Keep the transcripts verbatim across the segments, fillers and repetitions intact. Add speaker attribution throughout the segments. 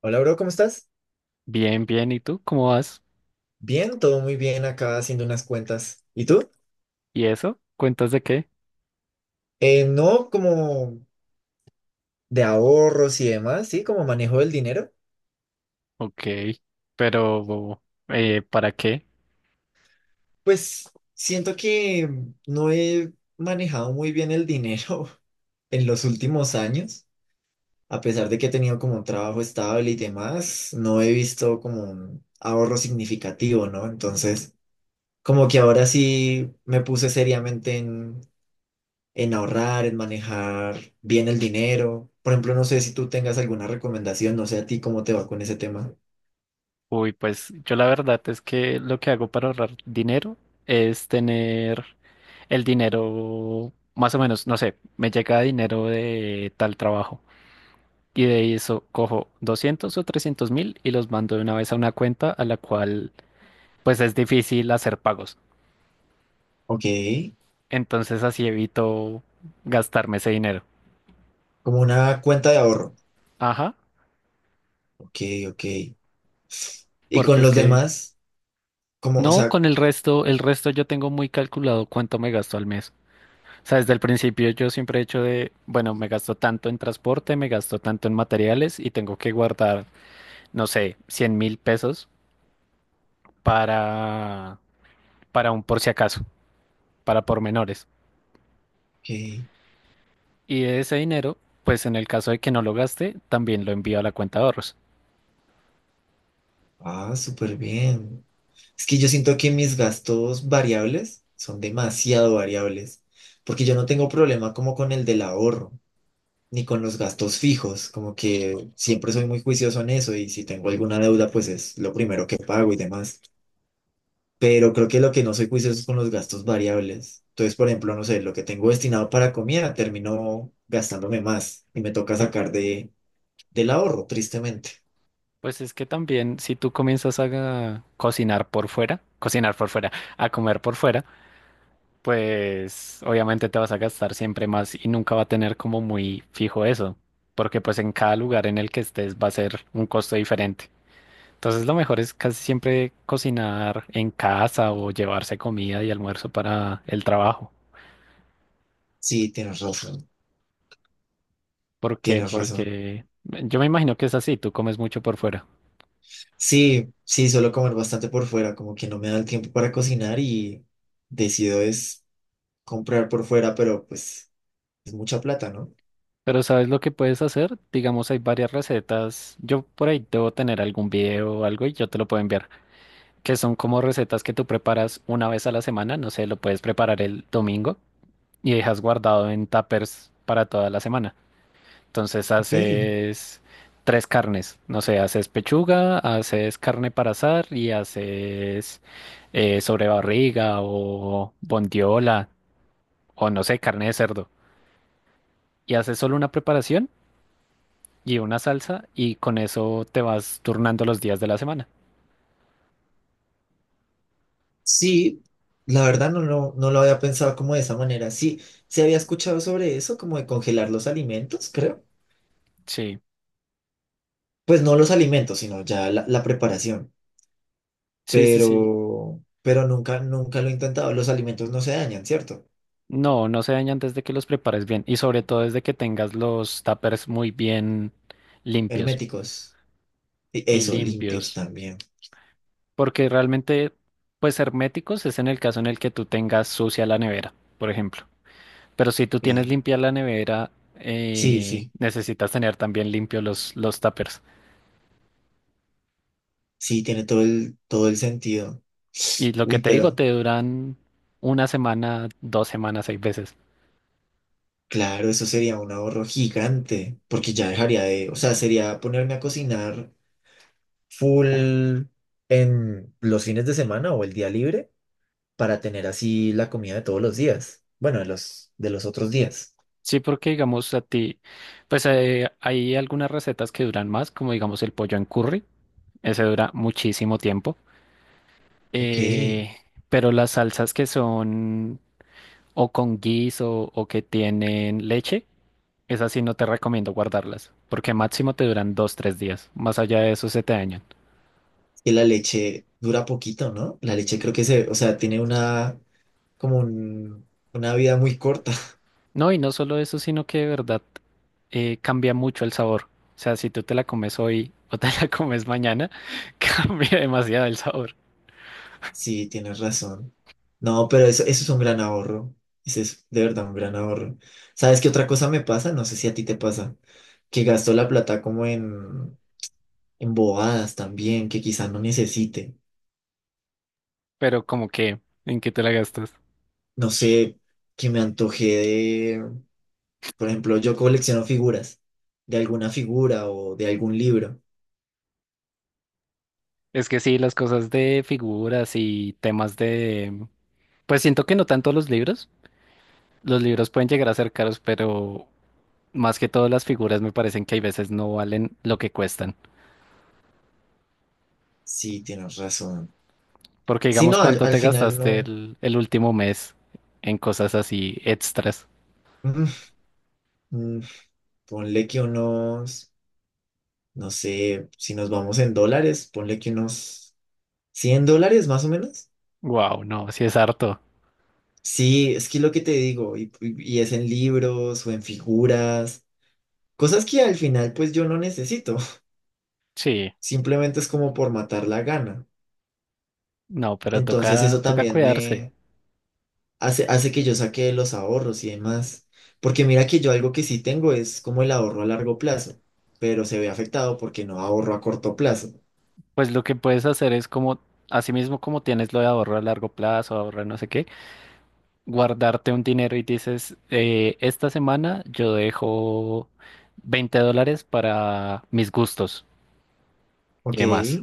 Speaker 1: Hola, bro, ¿cómo estás?
Speaker 2: Bien, bien. ¿Y tú cómo vas?
Speaker 1: Bien, todo muy bien acá haciendo unas cuentas. ¿Y tú?
Speaker 2: ¿Y eso? ¿Cuentas de qué?
Speaker 1: Eh, no como de ahorros y demás, ¿sí? Como manejo del dinero.
Speaker 2: Ok, pero eh, ¿para qué?
Speaker 1: Pues siento que no he manejado muy bien el dinero en los últimos años, a pesar de que he tenido como un trabajo estable y demás, no he visto como un ahorro significativo, ¿no? Entonces, como que ahora sí me puse seriamente en ahorrar, en manejar bien el dinero. Por ejemplo, no sé si tú tengas alguna recomendación, no sé a ti cómo te va con ese tema.
Speaker 2: Uy, pues yo la verdad es que lo que hago para ahorrar dinero es tener el dinero, más o menos, no sé, me llega dinero de tal trabajo y de eso cojo doscientos o trescientos mil y los mando de una vez a una cuenta a la cual pues es difícil hacer pagos.
Speaker 1: Ok,
Speaker 2: Entonces así evito gastarme ese dinero.
Speaker 1: como una cuenta de ahorro.
Speaker 2: Ajá,
Speaker 1: Ok, ok. Y
Speaker 2: porque
Speaker 1: con
Speaker 2: es
Speaker 1: los
Speaker 2: que...
Speaker 1: demás, como, o
Speaker 2: No,
Speaker 1: sea,
Speaker 2: con el resto, el resto yo tengo muy calculado cuánto me gasto al mes. O sea, desde el principio yo siempre he hecho de, bueno, me gasto tanto en transporte, me gasto tanto en materiales y tengo que guardar, no sé, cien mil pesos para, para un por si acaso, para pormenores.
Speaker 1: ok,
Speaker 2: Y de ese dinero, pues en el caso de que no lo gaste, también lo envío a la cuenta de ahorros.
Speaker 1: ah, súper bien. Es que yo siento que mis gastos variables son demasiado variables, porque yo no tengo problema como con el del ahorro, ni con los gastos fijos, como que siempre soy muy juicioso en eso y si tengo alguna deuda, pues es lo primero que pago y demás. Pero creo que lo que no soy juicioso es con los gastos variables. Entonces, por ejemplo, no sé, lo que tengo destinado para comida, termino gastándome más y me toca sacar de, del ahorro, tristemente.
Speaker 2: Pues es que también si tú comienzas a ga- cocinar por fuera, cocinar por fuera, a comer por fuera, pues obviamente te vas a gastar siempre más y nunca va a tener como muy fijo eso, porque pues en cada lugar en el que estés va a ser un costo diferente. Entonces lo mejor es casi siempre cocinar en casa o llevarse comida y almuerzo para el trabajo.
Speaker 1: Sí, tienes razón,
Speaker 2: ¿Por qué?
Speaker 1: tienes razón.
Speaker 2: Porque yo me imagino que es así, tú comes mucho por fuera.
Speaker 1: Sí, sí, suelo comer bastante por fuera, como que no me da el tiempo para cocinar y decido es comprar por fuera, pero pues es mucha plata, ¿no?
Speaker 2: Pero ¿sabes lo que puedes hacer? Digamos, hay varias recetas. Yo por ahí debo tener algún video o algo y yo te lo puedo enviar que son como recetas que tú preparas una vez a la semana, no sé, lo puedes preparar el domingo y dejas guardado en tuppers para toda la semana. Entonces
Speaker 1: Ok,
Speaker 2: haces tres carnes, no sé, haces pechuga, haces carne para asar y haces eh, sobrebarriga o bondiola o no sé, carne de cerdo. Y haces solo una preparación y una salsa y con eso te vas turnando los días de la semana.
Speaker 1: sí, la verdad no, no, no lo había pensado como de esa manera. Sí, se había escuchado sobre eso, como de congelar los alimentos, creo.
Speaker 2: Sí,
Speaker 1: Pues no los alimentos, sino ya la, la preparación.
Speaker 2: sí, sí, sí.
Speaker 1: Pero, pero nunca, nunca lo he intentado. Los alimentos no se dañan, ¿cierto?
Speaker 2: No, no se daña antes de que los prepares bien y sobre todo desde que tengas los tuppers muy bien limpios
Speaker 1: Herméticos. Y
Speaker 2: y
Speaker 1: eso, limpios
Speaker 2: limpios,
Speaker 1: también.
Speaker 2: porque realmente pues herméticos es en el caso en el que tú tengas sucia la nevera, por ejemplo. Pero si tú tienes
Speaker 1: Sí,
Speaker 2: limpia la nevera,
Speaker 1: sí,
Speaker 2: eh,
Speaker 1: sí.
Speaker 2: necesitas tener también limpios los, los tuppers.
Speaker 1: Sí, tiene todo el, todo el sentido.
Speaker 2: Y lo que
Speaker 1: Uy,
Speaker 2: te digo,
Speaker 1: pero
Speaker 2: te duran una semana, dos semanas, seis veces.
Speaker 1: claro, eso sería un ahorro gigante, porque ya dejaría de, o sea, sería ponerme a cocinar full en los fines de semana o el día libre para tener así la comida de todos los días. Bueno, de los, de los otros días.
Speaker 2: Sí, porque digamos a ti, pues eh, hay algunas recetas que duran más, como digamos el pollo en curry. Ese dura muchísimo tiempo.
Speaker 1: Ok.
Speaker 2: Eh, pero las salsas que son o con guiso o que tienen leche, esas sí no te recomiendo guardarlas, porque máximo te duran dos, tres días. Más allá de eso se te dañan.
Speaker 1: Que la leche dura poquito, ¿no? La leche creo que se, o sea, tiene una, como un- una vida muy corta.
Speaker 2: No, y no solo eso, sino que de verdad eh, cambia mucho el sabor. O sea, si tú te la comes hoy o te la comes mañana, cambia demasiado el sabor.
Speaker 1: Sí, tienes razón. No, pero eso, eso es un gran ahorro. Ese es de verdad un gran ahorro. ¿Sabes qué otra cosa me pasa? No sé si a ti te pasa. Que gasto la plata como en, en bobadas también, que quizás no necesite.
Speaker 2: Pero como que, ¿en qué te la gastas?
Speaker 1: No sé, que me antoje de, por ejemplo, yo colecciono figuras, de alguna figura o de algún libro.
Speaker 2: Es que sí, las cosas de figuras y temas de... Pues siento que no tanto los libros. Los libros pueden llegar a ser caros, pero más que todo las figuras me parecen que hay veces no valen lo que cuestan.
Speaker 1: Sí, tienes razón.
Speaker 2: Porque
Speaker 1: Sí,
Speaker 2: digamos,
Speaker 1: no, al,
Speaker 2: ¿cuánto
Speaker 1: al
Speaker 2: te
Speaker 1: final
Speaker 2: gastaste
Speaker 1: no.
Speaker 2: el, el último mes en cosas así extras?
Speaker 1: Mm, mm, ponle que unos, no sé, si nos vamos en dólares, ponle que unos cien dólares más o menos.
Speaker 2: Wow, no, sí es harto.
Speaker 1: Sí, es que lo que te digo, y, y- y es en libros o en figuras, cosas que al final pues yo no necesito,
Speaker 2: Sí,
Speaker 1: simplemente es como por matar la gana.
Speaker 2: no, pero
Speaker 1: Entonces
Speaker 2: toca,
Speaker 1: eso
Speaker 2: toca
Speaker 1: también
Speaker 2: cuidarse.
Speaker 1: me hace, hace que yo saque los ahorros y demás, porque mira que yo algo que sí tengo es como el ahorro a largo plazo, pero se ve afectado porque no ahorro a corto plazo.
Speaker 2: Pues lo que puedes hacer es como, así mismo como tienes lo de ahorro a largo plazo, ahorro no sé qué, guardarte un dinero y dices, eh, esta semana yo dejo veinte dólares para mis gustos y
Speaker 1: Ok,
Speaker 2: demás.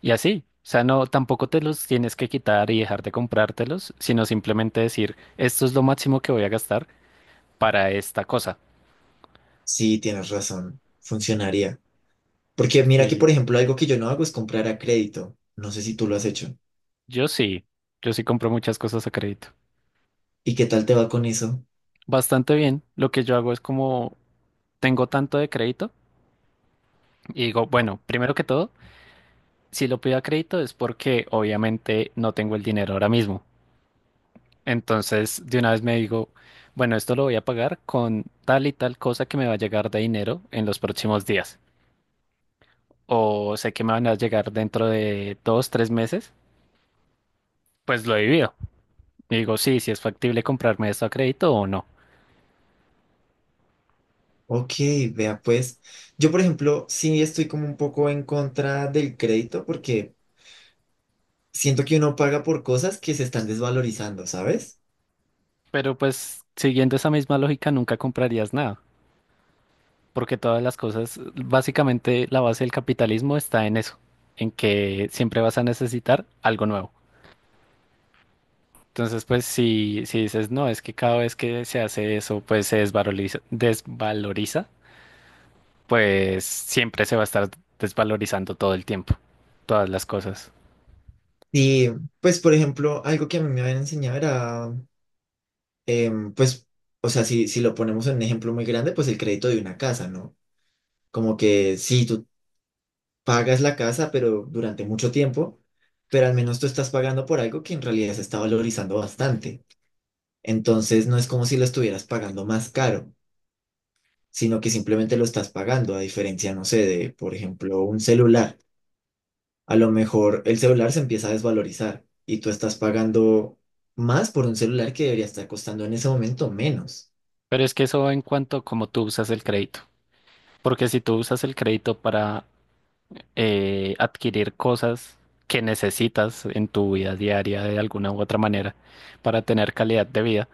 Speaker 2: Y así, o sea, no, tampoco te los tienes que quitar y dejar de comprártelos, sino simplemente decir, esto es lo máximo que voy a gastar para esta cosa.
Speaker 1: sí, tienes razón, funcionaría. Porque mira que,
Speaker 2: Sí,
Speaker 1: por ejemplo, algo que yo no hago es comprar a crédito. No sé si tú lo has hecho.
Speaker 2: yo sí, yo sí compro muchas cosas a crédito.
Speaker 1: ¿Y qué tal te va con eso?
Speaker 2: Bastante bien, lo que yo hago es como tengo tanto de crédito y digo, bueno, primero que todo, si lo pido a crédito es porque obviamente no tengo el dinero ahora mismo. Entonces, de una vez me digo, bueno, esto lo voy a pagar con tal y tal cosa que me va a llegar de dinero en los próximos días. O sé que me van a llegar dentro de dos, tres meses, pues lo divido. Y digo, sí, si, es factible comprarme esto a crédito o no.
Speaker 1: Ok, vea pues. Yo, por ejemplo, sí estoy como un poco en contra del crédito porque siento que uno paga por cosas que se están desvalorizando, ¿sabes?
Speaker 2: Pero pues, siguiendo esa misma lógica, nunca comprarías nada, porque todas las cosas, básicamente la base del capitalismo está en eso, en que siempre vas a necesitar algo nuevo. Entonces, pues si, si dices, no, es que cada vez que se hace eso, pues se desvaloriza, desvaloriza, pues siempre se va a estar desvalorizando todo el tiempo, todas las cosas.
Speaker 1: Y pues, por ejemplo, algo que a mí me habían enseñado era, em, pues, o sea, si, si lo ponemos en un ejemplo muy grande, pues el crédito de una casa, ¿no? Como que si tú pagas la casa, pero durante mucho tiempo, pero al menos tú estás pagando por algo que en realidad se está valorizando bastante. Entonces no es como si lo estuvieras pagando más caro, sino que simplemente lo estás pagando, a diferencia, no sé, de, por ejemplo, un celular. A lo mejor el celular se empieza a desvalorizar y tú estás pagando más por un celular que debería estar costando en ese momento menos.
Speaker 2: Pero es que eso en cuanto a cómo tú usas el crédito, porque si tú usas el crédito para eh, adquirir cosas que necesitas en tu vida diaria de alguna u otra manera para tener calidad de vida,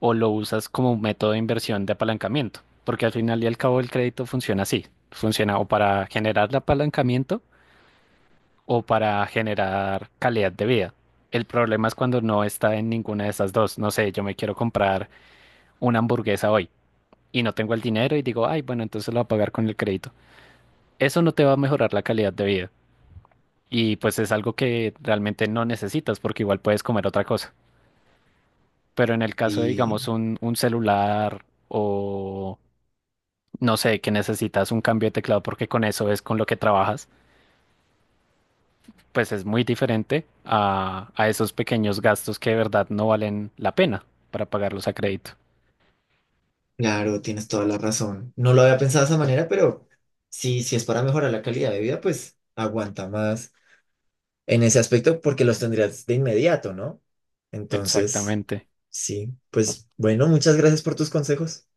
Speaker 2: o lo usas como un método de inversión de apalancamiento, porque al final y al cabo el crédito funciona así, funciona o para generar el apalancamiento o para generar calidad de vida. El problema es cuando no está en ninguna de esas dos. No sé, yo me quiero comprar una hamburguesa hoy y no tengo el dinero y digo, ay, bueno, entonces lo voy a pagar con el crédito. Eso no te va a mejorar la calidad de vida. Y pues es algo que realmente no necesitas porque igual puedes comer otra cosa. Pero en el caso de,
Speaker 1: Y
Speaker 2: digamos, un, un celular o no sé, que necesitas un cambio de teclado porque con eso es con lo que trabajas, pues es muy diferente a, a esos pequeños gastos que de verdad no valen la pena para pagarlos a crédito.
Speaker 1: claro, tienes toda la razón. No lo había pensado de esa manera, pero sí, si es para mejorar la calidad de vida, pues aguanta más en ese aspecto porque los tendrías de inmediato, ¿no? Entonces,
Speaker 2: Exactamente.
Speaker 1: sí, pues bueno, muchas gracias por tus consejos.